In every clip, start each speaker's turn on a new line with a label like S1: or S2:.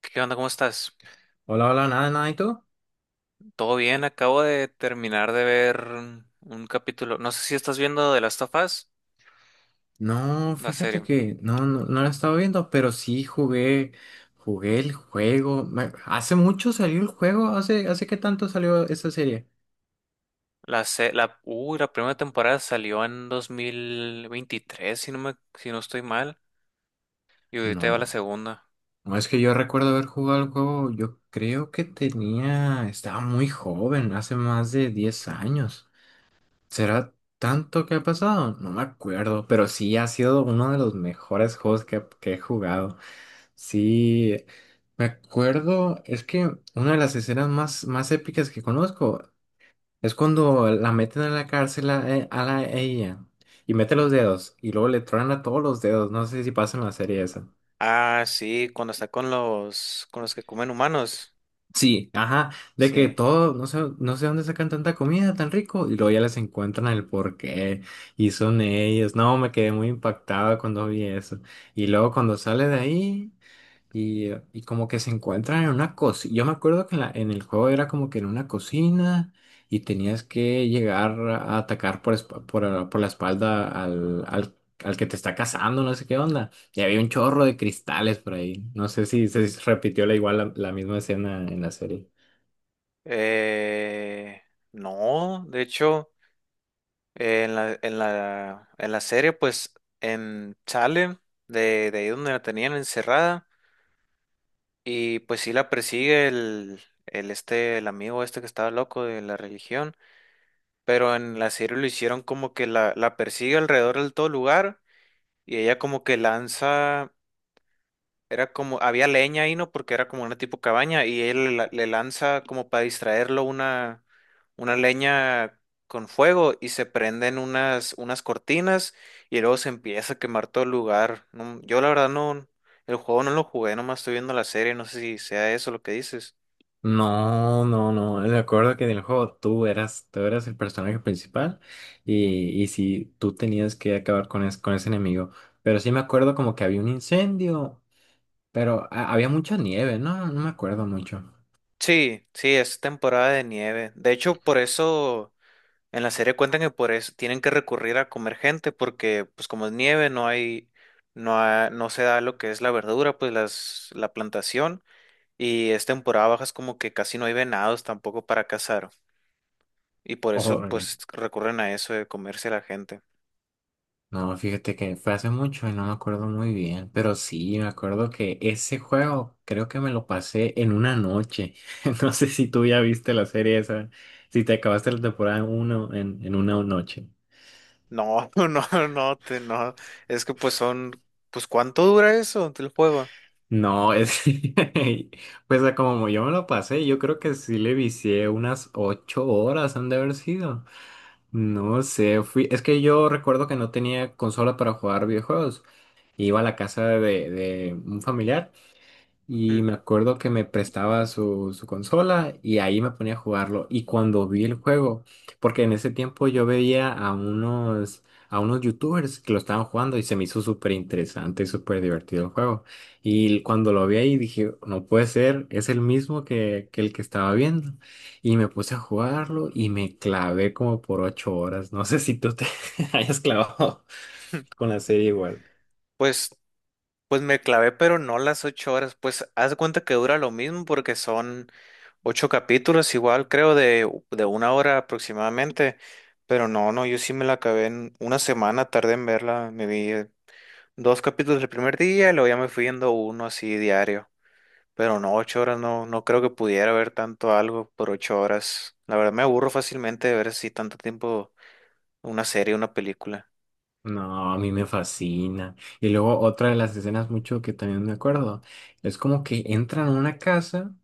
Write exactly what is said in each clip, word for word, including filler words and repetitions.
S1: ¿Qué onda? ¿Cómo estás?
S2: Hola, hola, nada, nada, ¿y tú?
S1: ¿Todo bien? Acabo de terminar de ver un capítulo. No sé si estás viendo The Last of Us,
S2: No,
S1: la
S2: fíjate
S1: serie.
S2: que no, no, no la he estado viendo, pero sí jugué, jugué el juego. Me- Hace mucho salió el juego, ¿hace, hace qué tanto salió esa serie?
S1: La, se- la, uy, la primera temporada salió en dos mil veintitrés, si no me, si no estoy mal. Y ahorita va la
S2: No,
S1: segunda.
S2: no es que yo recuerdo haber jugado el juego, yo creo que tenía, estaba muy joven, hace más de diez años. ¿Será tanto que ha pasado? No me acuerdo, pero sí ha sido uno de los mejores juegos que, que he jugado. Sí, me acuerdo, es que una de las escenas más, más épicas que conozco es cuando la meten en la cárcel a, e- a la a ella y mete los dedos y luego le truenan a todos los dedos, no sé si pasa en la serie esa.
S1: Ah, sí, cuando está con los con los que comen humanos.
S2: Sí, ajá, de que
S1: Sí.
S2: todo, no sé, no sé dónde sacan tanta comida tan rico y luego ya les encuentran el porqué y son ellos. No, me quedé muy impactada cuando vi eso. Y luego cuando sale de ahí. Y, y como que se encuentran en una cocina. Yo me acuerdo que en, la- en el juego era como que en una cocina y tenías que llegar a atacar por, esp- por, por la espalda al, al, al que te está cazando, no sé qué onda. Y había un chorro de cristales por ahí. No sé si se repitió la, igual la, la misma escena en la serie.
S1: Eh, no, de hecho, eh, en la, en la, en la serie, pues, en sale de, de ahí donde la tenían encerrada. Y pues sí la persigue el, el este, el amigo este que estaba loco de la religión, pero en la serie lo hicieron como que la, la persigue alrededor del todo lugar y ella como que lanza, era como, había leña ahí, ¿no? Porque era como una tipo cabaña y él la- le lanza como para distraerlo una, una leña con fuego y se prenden unas, unas cortinas y luego se empieza a quemar todo el lugar. No, yo la verdad no, el juego no lo jugué, nomás estoy viendo la serie, no sé si sea eso lo que dices.
S2: No, no, no. Me acuerdo que en el juego tú eras, tú eras el personaje principal y, y sí, tú tenías que acabar con, es- con ese enemigo. Pero sí me acuerdo como que había un incendio. Pero ha- había mucha nieve, no, no me acuerdo mucho.
S1: Sí, sí, es temporada de nieve. De hecho, por eso en la serie cuentan que por eso tienen que recurrir a comer gente, porque pues como es nieve no hay, no ha- no se da lo que es la verdura, pues las, la plantación, y es temporada baja, es como que casi no hay venados tampoco para cazar y por eso
S2: Órale.
S1: pues recurren a eso de comerse a la gente.
S2: No, fíjate que fue hace mucho y no me acuerdo muy bien, pero sí, me acuerdo que ese juego creo que me lo pasé en una noche. No sé si tú ya viste la serie esa, si te acabaste la temporada uno en, en una noche.
S1: No, no, no, te, no, es que pues son, pues ¿cuánto dura eso el juego?
S2: No, es. Pues a como yo me lo pasé, yo creo que sí le vicié unas ocho horas han de haber sido. No sé, fui. Es que yo recuerdo que no tenía consola para jugar videojuegos. Iba a la casa de, de un familiar y
S1: Mm.
S2: me acuerdo que me prestaba su, su consola y ahí me ponía a jugarlo. Y cuando vi el juego, porque en ese tiempo yo veía a unos, a unos, youtubers que lo estaban jugando y se me hizo súper interesante y súper divertido el juego. Y cuando lo vi ahí dije, no puede ser, es el mismo que, que el que estaba viendo. Y me puse a jugarlo y me clavé como por ocho horas. No sé si tú te hayas clavado con la serie igual.
S1: Pues Pues me clavé, pero no las ocho horas. Pues haz de cuenta que dura lo mismo porque son ocho capítulos, igual creo de, de una hora aproximadamente. Pero no, no, yo sí me la acabé en una semana, tardé en verla. Me vi eh, dos capítulos el primer día y luego ya me fui viendo uno así diario. Pero no, ocho horas no, no creo que pudiera ver tanto algo por ocho horas. La verdad me aburro fácilmente de ver así tanto tiempo una serie, una película.
S2: No, a mí me fascina. Y luego otra de las escenas mucho que también me acuerdo, es como que entran a una casa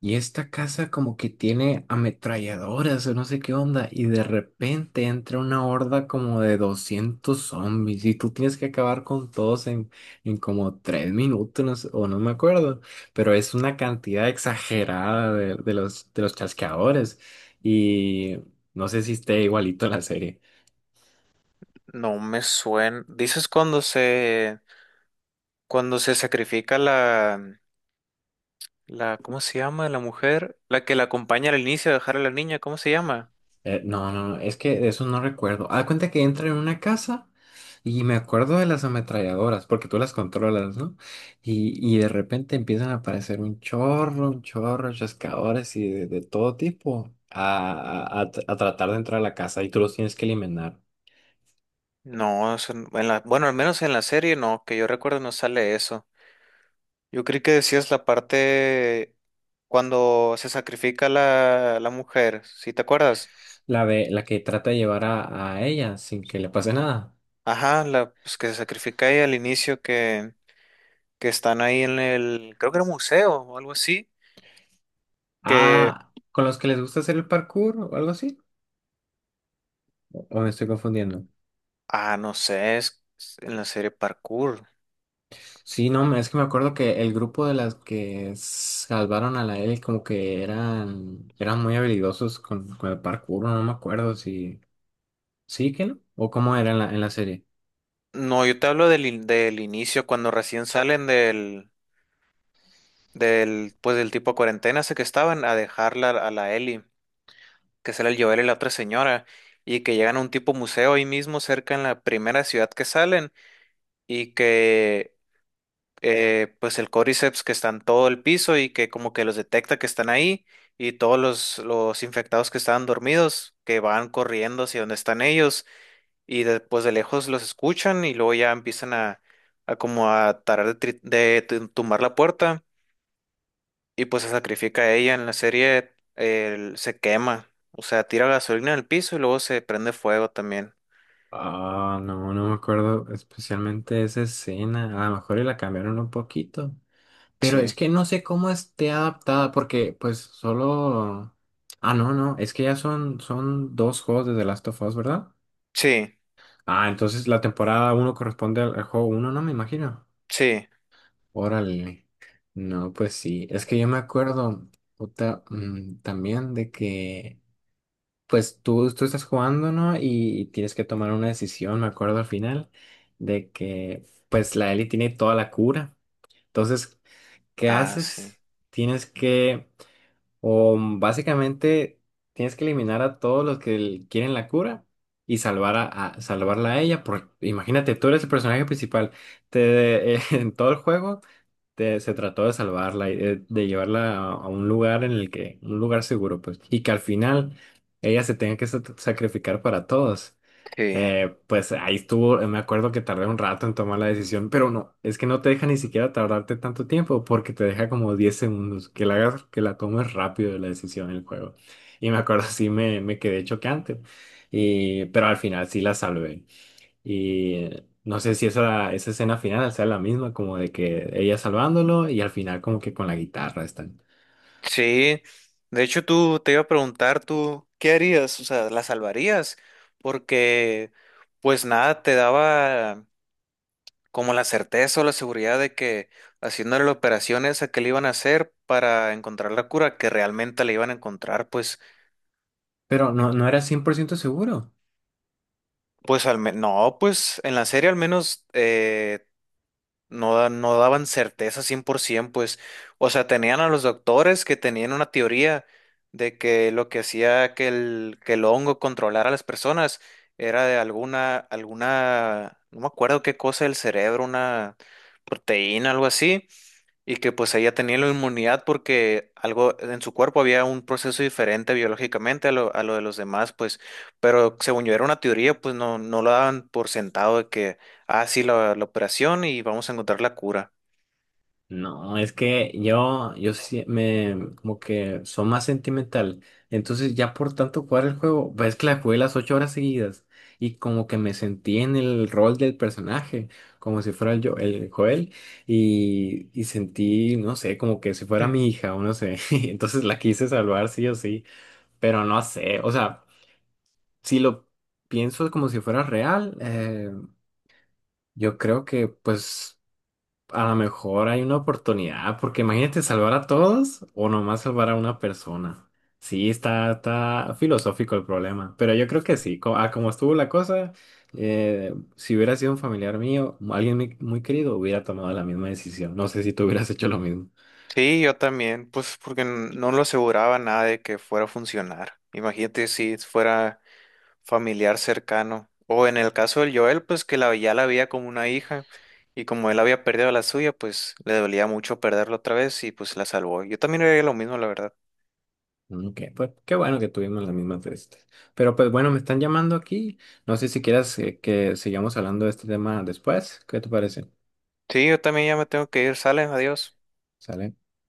S2: y esta casa como que tiene ametralladoras o no sé qué onda y de repente entra una horda como de doscientos zombies y tú tienes que acabar con todos en, en como tres minutos, no sé- o no me acuerdo, pero es una cantidad exagerada de, de los, de los chasqueadores y no sé si esté igualito a la serie.
S1: No me suena. ¿Dices cuando se... cuando se sacrifica la, la, ¿cómo se llama? La mujer, la que la acompaña al inicio a dejar a la niña, ¿cómo se llama?
S2: Eh, no, no, no, es que de eso no recuerdo. Haz cuenta que entra en una casa y me acuerdo de las ametralladoras, porque tú las controlas, ¿no? Y, y de repente empiezan a aparecer un chorro, un chorro, chascadores y de, de todo tipo a, a- a tr- a tratar de entrar a la casa y tú los tienes que eliminar.
S1: No, eso n- en la, bueno, al menos en la serie no, que yo recuerdo no sale eso. Yo creí que decías la parte cuando se sacrifica la, la mujer, ¿sí te acuerdas?
S2: La de, la que trata de llevar a, a ella sin que le pase nada.
S1: Ajá, la, pues que se sacrifica ahí al inicio que, que están ahí en el, creo que era un museo o algo así, que,
S2: Ah, ¿con los que les gusta hacer el parkour o algo así? ¿O me estoy confundiendo?
S1: ah, no sé, es es en la serie Parkour.
S2: Sí, no, me- es que me acuerdo que el grupo de las que salvaron a la Ellie como que eran, eran muy habilidosos con, con el parkour, no me acuerdo si. ¿Sí que no? ¿O cómo era en la, en la serie?
S1: No, yo te hablo del, in- del inicio, cuando recién salen del, del, pues del tipo cuarentena, ese que estaban a dejarla a la Ellie, que sale el Joel y la otra señora, y que llegan a un tipo museo ahí mismo cerca en la primera ciudad que salen, y que eh, pues el Cordyceps que está en todo el piso y que como que los detecta que están ahí, y todos los, los infectados que estaban dormidos, que van corriendo hacia donde están ellos, y después de lejos los escuchan y luego ya empiezan a, a como a tarar de, tri- de tu- tumbar la puerta, y pues se sacrifica a ella en la serie, él se quema, o sea, tira gasolina al piso y luego se prende fuego también.
S2: Ah, no, no me acuerdo especialmente de esa escena. A lo mejor y la cambiaron un poquito. Pero
S1: Sí.
S2: es que no sé cómo esté adaptada porque pues solo. Ah, no, no, es que ya son, son dos juegos de The Last of Us, ¿verdad?
S1: Sí,
S2: Ah, entonces la temporada uno corresponde al, al juego uno, no me imagino.
S1: sí,
S2: Órale. No, pues sí. Es que yo me acuerdo puta, mm, también de que, pues tú, tú estás jugando, ¿no? Y, y tienes que tomar una decisión, me acuerdo al final, de que, pues la Ellie tiene toda la cura. Entonces, ¿qué
S1: ah, sí,
S2: haces? Tienes que, o mm, básicamente, tienes que eliminar a todos los que l- quieren la cura y salvar a, a- salvarla a ella. Por, imagínate, tú eres el personaje principal. Te, en todo el juego te- se trató de salvarla, y de, de llevarla a, a un lugar en el que, un lugar seguro, pues, y que al final ella se tenga que sa- sacrificar para todos.
S1: sí,
S2: Eh, pues ahí estuvo, eh, me acuerdo que tardé un rato en tomar la decisión, pero no, es que no te deja ni siquiera tardarte tanto tiempo porque te deja como diez segundos, que la hagas, que la tomes rápido la decisión del juego. Y me acuerdo, sí me, me quedé choqueante, y, pero al final sí la salvé. Y no sé si esa, esa escena final sea la misma, como de que ella salvándolo y al final como que con la guitarra están.
S1: sí. De hecho, tú te iba a preguntar, tú, ¿qué harías? O sea, ¿la salvarías? Porque, pues nada, te daba como la certeza o la seguridad de que haciéndole la operación esa que le iban a hacer para encontrar la cura, que realmente la iban a encontrar, pues,
S2: Pero no, no era cien por ciento seguro.
S1: pues al menos, no, pues en la serie al menos eh, no, da- no daban certeza cien por ciento, pues, o sea, tenían a los doctores que tenían una teoría de que lo que hacía que el, que el hongo controlara a las personas era de alguna, alguna, no me acuerdo qué cosa del cerebro, una proteína, algo así. Y que pues ella tenía la inmunidad porque algo en su cuerpo había un proceso diferente biológicamente a lo, a lo de los demás, pues, pero según yo era una teoría, pues no, no lo daban por sentado de que, ah, sí, la, la operación y vamos a encontrar la cura.
S2: No, es que yo, yo, sí me, como que soy más sentimental. Entonces ya por tanto jugar el juego, ves que la jugué las ocho horas seguidas y como que me sentí en el rol del personaje, como si fuera el, yo, el Joel y, y sentí, no sé, como que si fuera
S1: Hmm.
S2: mi hija o no sé. Entonces la quise salvar sí o sí. Pero no sé, o sea, si lo pienso como si fuera real, eh, yo creo que pues a lo mejor hay una oportunidad, porque imagínate salvar a todos o nomás salvar a una persona. Sí, está, está filosófico el problema, pero yo creo que sí, co- a como estuvo la cosa, eh, si hubiera sido un familiar mío, alguien muy, muy querido, hubiera tomado la misma decisión. No sé si tú hubieras hecho lo mismo.
S1: Sí, yo también, pues porque n- no lo aseguraba nada de que fuera a funcionar. Imagínate si fuera familiar cercano. O en el caso del Joel, pues que la, ya la veía como una hija, y como él había perdido a la suya, pues le dolía mucho perderlo otra vez y pues la salvó. Yo también haría lo mismo, la verdad.
S2: Ok, pues qué bueno que tuvimos las mismas de estas. Pero pues bueno, me están llamando aquí. No sé si quieras eh, que sigamos hablando de este tema después. ¿Qué te parece?
S1: Sí, yo también ya me tengo que ir. Sale, adiós.
S2: ¿Sale?